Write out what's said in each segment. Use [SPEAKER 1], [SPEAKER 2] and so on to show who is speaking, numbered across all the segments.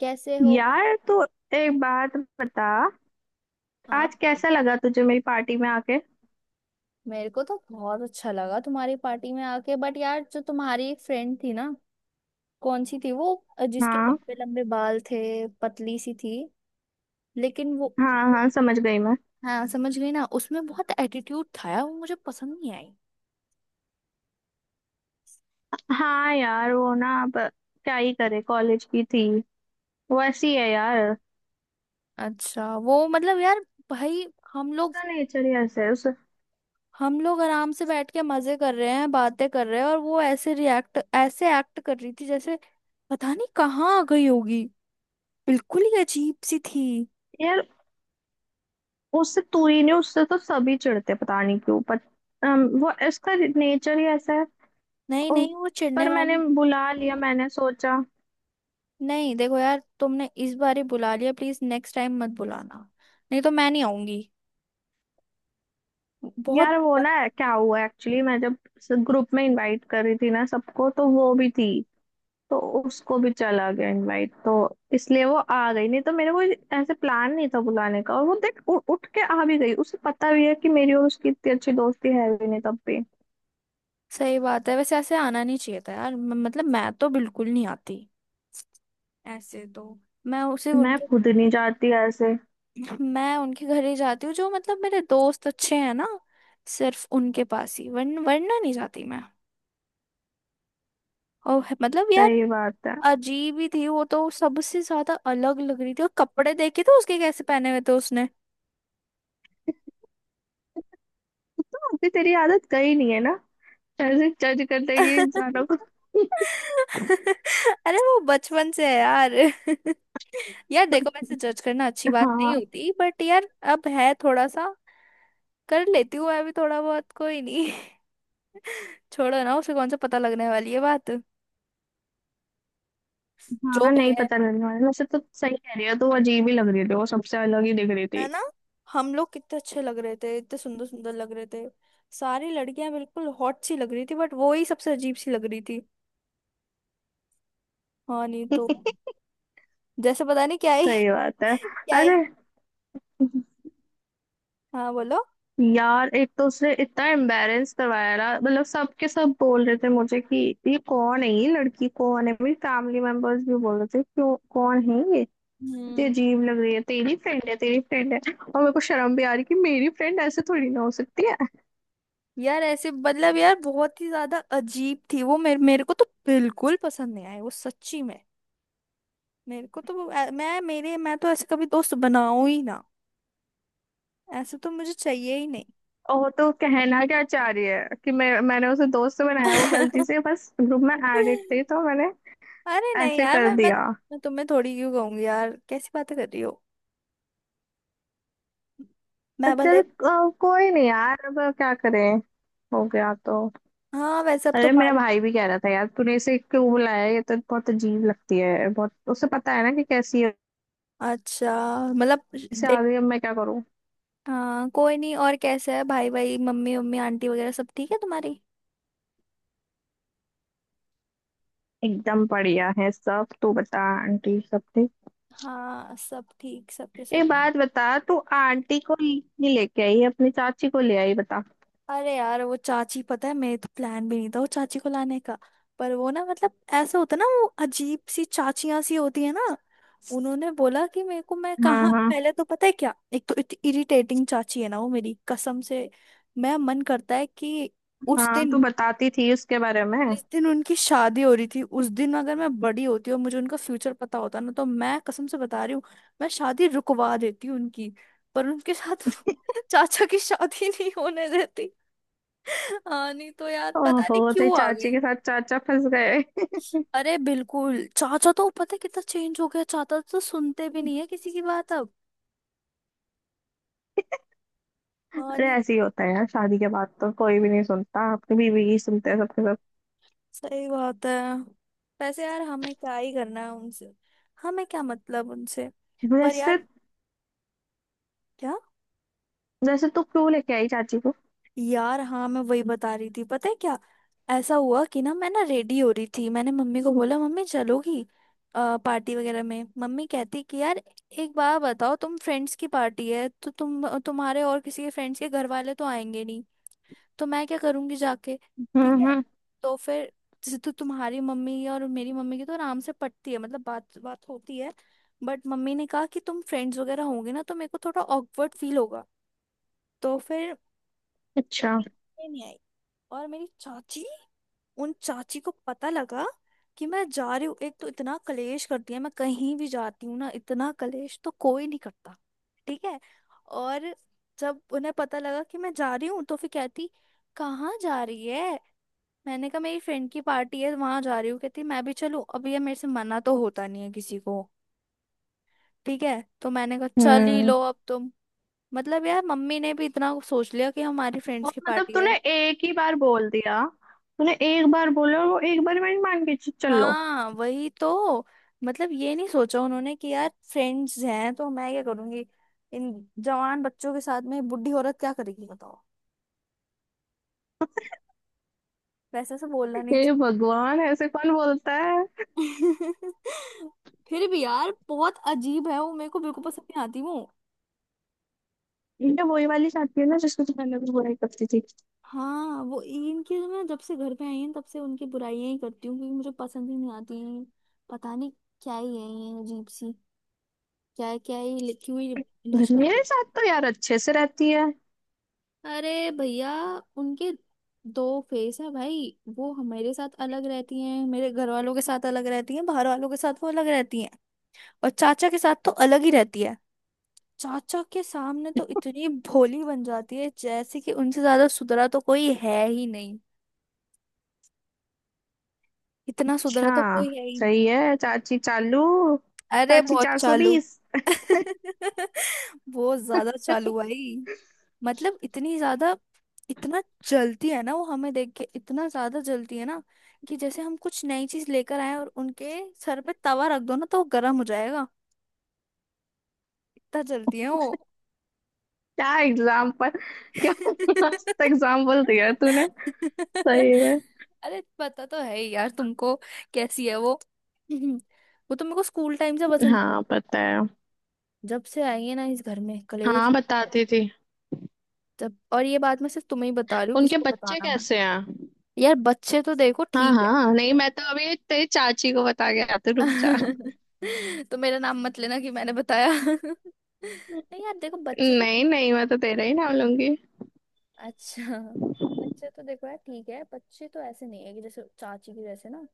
[SPEAKER 1] कैसे हो
[SPEAKER 2] यार तो एक बात बता।
[SPEAKER 1] आप?
[SPEAKER 2] आज कैसा लगा तुझे मेरी पार्टी में आके?
[SPEAKER 1] मेरे को तो बहुत अच्छा लगा तुम्हारी पार्टी में आके। बट यार, जो तुम्हारी एक फ्रेंड थी ना, कौन सी थी वो? जिसके
[SPEAKER 2] हाँ।
[SPEAKER 1] लंबे लंबे बाल थे, पतली सी थी, लेकिन वो।
[SPEAKER 2] हाँ हाँ, समझ गई मैं।
[SPEAKER 1] हाँ, समझ गई ना, उसमें बहुत एटीट्यूड था यार, वो मुझे पसंद नहीं आई।
[SPEAKER 2] हाँ यार, वो ना अब क्या ही करे, कॉलेज की थी, वो ऐसी है यार।
[SPEAKER 1] अच्छा वो, मतलब यार, भाई, हम लोग
[SPEAKER 2] उसका नेचर ही ऐसा है उस
[SPEAKER 1] हम लोग आराम से बैठ के मजे कर रहे हैं, बातें कर रहे हैं, और वो ऐसे रिएक्ट, ऐसे एक्ट कर रही थी जैसे पता नहीं कहाँ आ गई होगी। बिल्कुल ही अजीब सी थी।
[SPEAKER 2] यार। उससे तू ही नहीं, उससे तो सभी चिढ़ते, पता नहीं क्यों पर। वो इसका नेचर ही ऐसा है।
[SPEAKER 1] नहीं
[SPEAKER 2] ओ,
[SPEAKER 1] नहीं, वो चिढ़ने
[SPEAKER 2] पर मैंने
[SPEAKER 1] वाली
[SPEAKER 2] बुला लिया, मैंने सोचा।
[SPEAKER 1] नहीं। देखो यार, तुमने इस बार ही बुला लिया, प्लीज नेक्स्ट टाइम मत बुलाना, नहीं तो मैं नहीं आऊंगी। बहुत
[SPEAKER 2] यार वो
[SPEAKER 1] ब-।
[SPEAKER 2] ना क्या हुआ एक्चुअली, मैं जब ग्रुप में इनवाइट कर रही थी ना सबको, तो वो भी थी, तो उसको भी चला गया इनवाइट, तो इसलिए वो आ गई। नहीं तो मेरा कोई ऐसे प्लान नहीं था बुलाने का, और वो देख उठ के आ भी गई। उसे पता भी है कि मेरी और उसकी इतनी अच्छी दोस्ती है भी नहीं, तब भी
[SPEAKER 1] सही बात है, वैसे ऐसे आना नहीं चाहिए था यार। मतलब मैं तो बिल्कुल नहीं आती ऐसे तो। मैं उसे
[SPEAKER 2] मैं
[SPEAKER 1] उनके
[SPEAKER 2] खुद नहीं जाती ऐसे।
[SPEAKER 1] मैं उनके घर ही जाती हूँ, जो मतलब मेरे दोस्त अच्छे हैं ना, सिर्फ उनके पास ही, वरना नहीं जाती मैं। और मतलब यार,
[SPEAKER 2] सही बात है।
[SPEAKER 1] अजीब ही थी वो, तो सबसे ज्यादा अलग लग रही थी, और कपड़े देखे थे उसके कैसे पहने हुए थे उसने।
[SPEAKER 2] तो अभी तेरी आदत गई नहीं है ना, ऐसे जज कर देगी इंसानों को।
[SPEAKER 1] अरे वो बचपन से है यार। यार देखो, वैसे जज करना अच्छी बात नहीं
[SPEAKER 2] हाँ
[SPEAKER 1] होती, बट यार अब है थोड़ा सा, कर लेती हूँ मैं भी थोड़ा बहुत, कोई नहीं। छोड़ो ना, उसे कौन सा पता लगने वाली है बात। जो
[SPEAKER 2] हाँ,
[SPEAKER 1] भी
[SPEAKER 2] नहीं
[SPEAKER 1] है
[SPEAKER 2] पता लगने वाला, वैसे तो सही कह रही है, तो वो अजीब ही लग रही थी, वो सबसे अलग ही दिख रही
[SPEAKER 1] है
[SPEAKER 2] थी।
[SPEAKER 1] ना। हम लोग कितने अच्छे लग रहे थे, इतने सुंदर सुंदर लग रहे थे, सारी लड़कियां बिल्कुल हॉट सी लग रही थी, बट वो ही सबसे अजीब सी लग रही थी। हाँ, नहीं
[SPEAKER 2] सही
[SPEAKER 1] तो। जैसे पता नहीं क्या ही।
[SPEAKER 2] बात है।
[SPEAKER 1] क्या ही।
[SPEAKER 2] अरे
[SPEAKER 1] हाँ बोलो।
[SPEAKER 2] यार, एक तो उसने इतना एम्बेरेंस करवाया ना, मतलब सबके सब बोल रहे थे मुझे कि ये कौन है, ये लड़की कौन है। मेरी फैमिली मेंबर्स भी बोल रहे थे क्यों, कौन है ये, इतनी
[SPEAKER 1] हम्म
[SPEAKER 2] अजीब लग रही है। तेरी फ्रेंड है, तेरी फ्रेंड है। और मेरे को शर्म भी आ रही कि मेरी फ्रेंड ऐसे थोड़ी ना हो सकती है।
[SPEAKER 1] यार ऐसे, मतलब यार, बहुत ही ज्यादा अजीब थी वो, मेरे मेरे को तो बिल्कुल पसंद नहीं आई वो, सच्ची में। मेरे को तो वो- अ, मैं मेरे मैं तो ऐसे कभी दोस्त बनाऊं ही ना, ऐसे तो मुझे चाहिए ही नहीं।
[SPEAKER 2] और तो कहना क्या चाह रही है कि मैंने उसे दोस्त बनाया? वो गलती से बस ग्रुप में एडिट थी, तो मैंने
[SPEAKER 1] अरे नहीं
[SPEAKER 2] ऐसे
[SPEAKER 1] यार,
[SPEAKER 2] कर दिया।
[SPEAKER 1] मैं तुम्हें थोड़ी क्यों कहूंगी यार, कैसी बातें कर रही हो, मैं
[SPEAKER 2] अच्छा,
[SPEAKER 1] भले।
[SPEAKER 2] कोई नहीं यार, अब क्या करें, हो गया तो।
[SPEAKER 1] हाँ, वैसे अब तो
[SPEAKER 2] अरे मेरा
[SPEAKER 1] पार्टी।
[SPEAKER 2] भाई भी कह रहा था यार, तूने इसे क्यों बुलाया, ये तो बहुत अजीब लगती है बहुत, उसे पता है ना कि कैसी है।
[SPEAKER 1] अच्छा, मतलब
[SPEAKER 2] इसे आ
[SPEAKER 1] देख।
[SPEAKER 2] गई, अब मैं क्या करूं।
[SPEAKER 1] हाँ कोई नहीं। और कैसा है भाई, भाई मम्मी, मम्मी आंटी वगैरह, सब ठीक है तुम्हारी?
[SPEAKER 2] एकदम बढ़िया है सब, तू बता आंटी सब ठीक?
[SPEAKER 1] हाँ, सब ठीक, सबके
[SPEAKER 2] एक
[SPEAKER 1] सब।
[SPEAKER 2] बात बता, तू आंटी को नहीं लेके आई, अपनी चाची को ले आई, बता।
[SPEAKER 1] अरे यार, वो चाची, पता है, मेरे तो प्लान भी नहीं था वो चाची को लाने का। पर वो ना, मतलब, ऐसा होता है ना, वो अजीब सी चाचियां सी होती है ना। उन्होंने बोला कि मेरे को, मैं
[SPEAKER 2] हाँ।
[SPEAKER 1] कहाँ,
[SPEAKER 2] हाँ
[SPEAKER 1] पहले तो पता है क्या, एक तो इतनी इरिटेटिंग चाची है ना वो, मेरी कसम से। मैं, मन करता है कि उस
[SPEAKER 2] हाँ, तू
[SPEAKER 1] दिन,
[SPEAKER 2] बताती थी उसके बारे में।
[SPEAKER 1] जिस दिन उनकी शादी हो रही थी, उस दिन अगर मैं बड़ी होती और मुझे उनका फ्यूचर पता होता ना, तो मैं कसम से बता रही हूँ, मैं शादी रुकवा देती उनकी। पर उनके साथ चाचा की शादी नहीं होने देती। हाँ, नहीं तो यार, पता नहीं
[SPEAKER 2] ओहो, तेरी
[SPEAKER 1] क्यों आ
[SPEAKER 2] चाची
[SPEAKER 1] गई।
[SPEAKER 2] के साथ चाचा फंस गए।
[SPEAKER 1] अरे बिल्कुल, चाचा तो पता है कितना चेंज हो गया, चाचा तो सुनते भी नहीं है किसी की बात अब। हाँ,
[SPEAKER 2] अरे
[SPEAKER 1] नहीं।
[SPEAKER 2] ऐसे ही होता है यार, शादी के बाद तो कोई भी नहीं सुनता, अपनी बीवी ही सुनते हैं सबके सब।
[SPEAKER 1] सही बात है। वैसे यार, हमें क्या ही करना है उनसे, हमें क्या मतलब उनसे। पर यार,
[SPEAKER 2] वैसे।
[SPEAKER 1] क्या,
[SPEAKER 2] वैसे तू क्यों लेके आई चाची को?
[SPEAKER 1] यार हाँ, मैं वही बता रही थी। पता है क्या, ऐसा हुआ कि ना, मैं ना रेडी हो रही थी, मैंने मम्मी को बोला मम्मी चलोगी पार्टी वगैरह में। मम्मी कहती कि यार एक बार बताओ, तुम फ्रेंड्स की पार्टी है तो तुम, तुम्हारे और किसी के फ्रेंड्स के घर वाले तो आएंगे नहीं, तो मैं क्या करूंगी जाके। ठीक है।
[SPEAKER 2] हम्म।
[SPEAKER 1] तो फिर जैसे, तो तुम्हारी मम्मी और मेरी मम्मी की तो आराम से पटती है, मतलब बात बात होती है, बट मम्मी ने कहा कि तुम फ्रेंड्स वगैरह होंगे ना तो मेरे को थोड़ा ऑकवर्ड फील होगा। तो फिर
[SPEAKER 2] अच्छा।
[SPEAKER 1] मम्मी नहीं आई। और मेरी चाची, उन चाची को पता लगा कि मैं जा रही हूँ। एक तो इतना कलेश करती है, मैं कहीं भी जाती हूँ ना, इतना कलेश तो कोई नहीं करता। ठीक है। और जब उन्हें पता लगा कि मैं जा रही हूँ, तो फिर कहती कहाँ जा रही है, मैंने कहा मेरी फ्रेंड की पार्टी है वहां जा रही हूँ। कहती मैं भी चलूँ। अब ये, मेरे से मना तो होता नहीं है किसी को, ठीक है, तो मैंने कहा चल ही
[SPEAKER 2] हम्म।
[SPEAKER 1] लो अब तुम। मतलब यार, मम्मी ने भी इतना सोच लिया कि हमारी फ्रेंड्स
[SPEAKER 2] और
[SPEAKER 1] की
[SPEAKER 2] मतलब
[SPEAKER 1] पार्टी है।
[SPEAKER 2] तूने एक ही बार बोल दिया? तूने एक बार बोला और वो एक बार मैंने मान के चल लो।
[SPEAKER 1] हाँ वही तो। मतलब ये नहीं सोचा उन्होंने कि यार फ्रेंड्स हैं तो मैं क्या करूंगी, इन जवान बच्चों के साथ में बूढ़ी औरत क्या करेगी बताओ। वैसे से बोलना नहीं
[SPEAKER 2] हे
[SPEAKER 1] चाहिए।
[SPEAKER 2] भगवान, ऐसे कौन बोलता है।
[SPEAKER 1] फिर भी यार बहुत अजीब है वो, मेरे को बिल्कुल पसंद नहीं आती वो।
[SPEAKER 2] ये वही वाली चाहती है ना, जिसको तू पहले भी बुराई करती थी।
[SPEAKER 1] हाँ, वो इनकी तो, मैं जब से घर पे आई हूँ तब से उनकी बुराइयां ही करती हूँ, क्योंकि मुझे पसंद ही नहीं आती हैं। पता नहीं क्या ही है ये, अजीब सी। क्या, क्या ही लिखी हुई इनकी
[SPEAKER 2] घर में मेरे
[SPEAKER 1] शादी।
[SPEAKER 2] साथ तो यार अच्छे से रहती है।
[SPEAKER 1] अरे भैया, उनके दो फेस है भाई, वो हमारे साथ अलग रहती हैं, मेरे घर वालों के साथ अलग रहती हैं, बाहर वालों के साथ वो अलग रहती हैं, और चाचा के साथ तो अलग ही रहती है। चाचा के सामने तो इतनी भोली बन जाती है जैसे कि उनसे ज्यादा सुधरा तो कोई है ही नहीं, इतना सुधरा तो
[SPEAKER 2] अच्छा,
[SPEAKER 1] कोई है ही नहीं।
[SPEAKER 2] सही है। चाची चालू।
[SPEAKER 1] अरे
[SPEAKER 2] चाची
[SPEAKER 1] बहुत
[SPEAKER 2] चार सौ
[SPEAKER 1] चालू।
[SPEAKER 2] बीस।
[SPEAKER 1] बहुत ज्यादा चालू भाई। मतलब इतनी ज्यादा, इतना जलती है ना वो हमें देख के, इतना ज्यादा जलती है ना, कि जैसे हम कुछ नई चीज लेकर आए और उनके सर पे तवा रख दो ना तो वो गर्म हो जाएगा, इतना जलती है वो।
[SPEAKER 2] क्या एग्जाम पर क्या? मस्त एग्जाम्पल दिया तूने, सही में।
[SPEAKER 1] अरे पता तो है ही यार तुमको, कैसी है वो। वो तो मेरे को स्कूल टाइम से पसंद।
[SPEAKER 2] हाँ पता है।
[SPEAKER 1] जब से आई है ना इस घर में कलेश
[SPEAKER 2] हाँ
[SPEAKER 1] है।
[SPEAKER 2] बताती थी।
[SPEAKER 1] जब, और ये बात मैं सिर्फ तुम्हें ही बता रही हूँ, किसी
[SPEAKER 2] उनके
[SPEAKER 1] को
[SPEAKER 2] बच्चे
[SPEAKER 1] बताना मत।
[SPEAKER 2] कैसे हैं?
[SPEAKER 1] यार बच्चे तो देखो
[SPEAKER 2] हाँ
[SPEAKER 1] ठीक है।
[SPEAKER 2] हाँ, नहीं मैं तो अभी तेरी चाची को बता के आती हूँ, रुक जा।
[SPEAKER 1] तो मेरा नाम मत लेना कि मैंने बताया। नहीं यार देखो बच्चे तो।
[SPEAKER 2] नहीं नहीं, मैं तो तेरा ही नाम लूंगी।
[SPEAKER 1] अच्छा, बच्चे तो देखो यार ठीक है, बच्चे तो ऐसे नहीं है कि जैसे चाची की जैसे ना,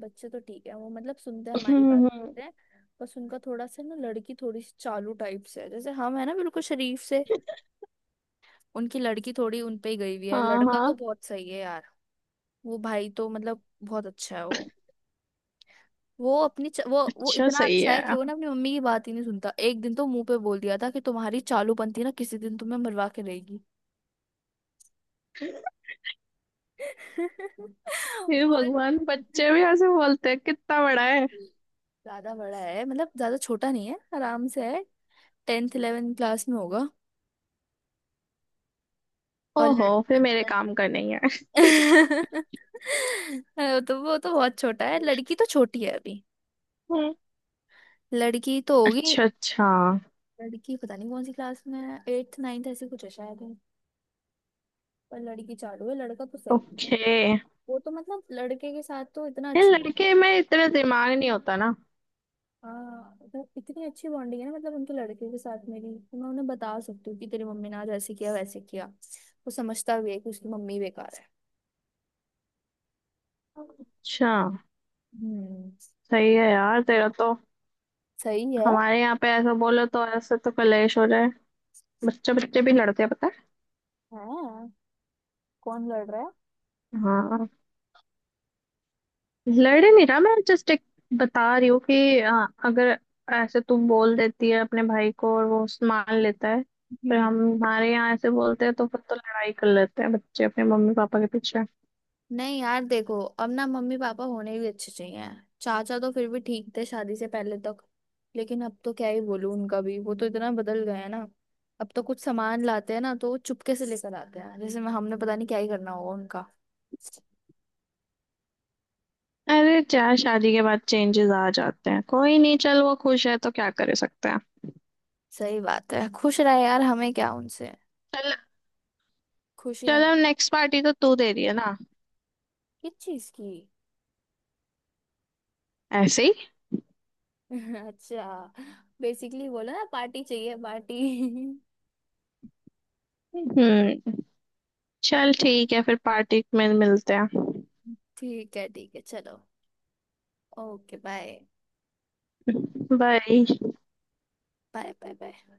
[SPEAKER 1] बच्चे तो ठीक है वो, मतलब सुनते हैं हमारी बात
[SPEAKER 2] हम्म।
[SPEAKER 1] सुनते हैं। बस उनका थोड़ा सा ना, लड़की थोड़ी सी चालू टाइप से है, जैसे हम है ना बिल्कुल शरीफ से, उनकी लड़की थोड़ी उन पे ही गई हुई है,
[SPEAKER 2] हाँ
[SPEAKER 1] लड़का तो
[SPEAKER 2] हाँ।
[SPEAKER 1] बहुत सही है यार। वो भाई तो मतलब बहुत अच्छा है वो। वो अपनी च... वो
[SPEAKER 2] अच्छा,
[SPEAKER 1] इतना
[SPEAKER 2] सही
[SPEAKER 1] अच्छा है कि
[SPEAKER 2] है।
[SPEAKER 1] वो ना अपनी मम्मी की बात ही नहीं सुनता, एक दिन तो मुंह पे बोल दिया था कि तुम्हारी चालूपंथी ना किसी दिन तुम्हें मरवा के देगी।
[SPEAKER 2] ये
[SPEAKER 1] और
[SPEAKER 2] भगवान, बच्चे भी ऐसे बोलते हैं? कितना बड़ा है?
[SPEAKER 1] ज्यादा बड़ा है, मतलब ज्यादा छोटा नहीं है, आराम से है, टेंथ इलेवेंथ क्लास में होगा। और
[SPEAKER 2] ओहो, फिर
[SPEAKER 1] लड़-।
[SPEAKER 2] मेरे काम का नहीं है।
[SPEAKER 1] वो तो बहुत छोटा है, लड़की तो छोटी है अभी,
[SPEAKER 2] हम्म।
[SPEAKER 1] लड़की तो होगी।
[SPEAKER 2] अच्छा अच्छा।
[SPEAKER 1] लड़की पता नहीं कौन सी क्लास में है, एट्थ नाइन्थ ऐसी कुछ है शायद है। पर लड़की चालू है, लड़का तो सही है।
[SPEAKER 2] ओके।
[SPEAKER 1] वो तो मतलब लड़के के साथ तो इतना
[SPEAKER 2] ये
[SPEAKER 1] अच्छी।
[SPEAKER 2] लड़के में इतना दिमाग नहीं होता ना।
[SPEAKER 1] हाँ, मतलब इतनी अच्छी बॉन्डिंग है ना, मतलब उनके लड़के के साथ मेरी, कि मैं उन्हें बता सकती हूँ कि तेरी मम्मी ने आज ऐसे किया वैसे किया, वो समझता भी है कि उसकी मम्मी बेकार है।
[SPEAKER 2] अच्छा,
[SPEAKER 1] हम्म।
[SPEAKER 2] सही है यार तेरा तो।
[SPEAKER 1] सही है।
[SPEAKER 2] हमारे यहाँ पे ऐसा बोलो तो ऐसे तो कलेश हो जाए। बच्चे बच्चे भी लड़ते हैं, पता
[SPEAKER 1] हाँ, कौन लड़ रहा है?
[SPEAKER 2] है? हाँ, लड़ नहीं रहा, मैं जस्ट एक बता रही हूँ कि अगर ऐसे तू बोल देती है अपने भाई को और वो मान लेता है। पर
[SPEAKER 1] हम्म।
[SPEAKER 2] हम हमारे यहाँ ऐसे बोलते हैं तो फिर तो लड़ाई कर लेते हैं बच्चे अपने मम्मी पापा के पीछे।
[SPEAKER 1] नहीं यार देखो, अब ना मम्मी पापा होने भी अच्छे चाहिए। चाचा तो फिर भी ठीक थे शादी से पहले तक, लेकिन अब तो क्या ही बोलूं उनका भी, वो तो इतना बदल गए हैं ना। अब तो कुछ सामान लाते हैं ना तो वो चुपके से लेकर आते हैं, जैसे मैं, हमने पता नहीं क्या ही करना होगा उनका।
[SPEAKER 2] अरे, चाहे शादी के बाद चेंजेस आ जाते हैं, कोई नहीं, चल, वो खुश है तो क्या कर सकते हैं।
[SPEAKER 1] सही बात है, खुश रहे यार, हमें क्या उनसे।
[SPEAKER 2] चल।
[SPEAKER 1] खुशी रह।
[SPEAKER 2] चल अब नेक्स्ट पार्टी तो तू दे रही है ना?
[SPEAKER 1] किस चीज की?
[SPEAKER 2] ऐसे ही।
[SPEAKER 1] अच्छा, बेसिकली बोलो ना, पार्टी चाहिए पार्टी।
[SPEAKER 2] हम्म। चल ठीक है, फिर पार्टी में मिलते हैं।
[SPEAKER 1] ठीक है चलो। Okay bye.
[SPEAKER 2] Bye.
[SPEAKER 1] Bye bye bye.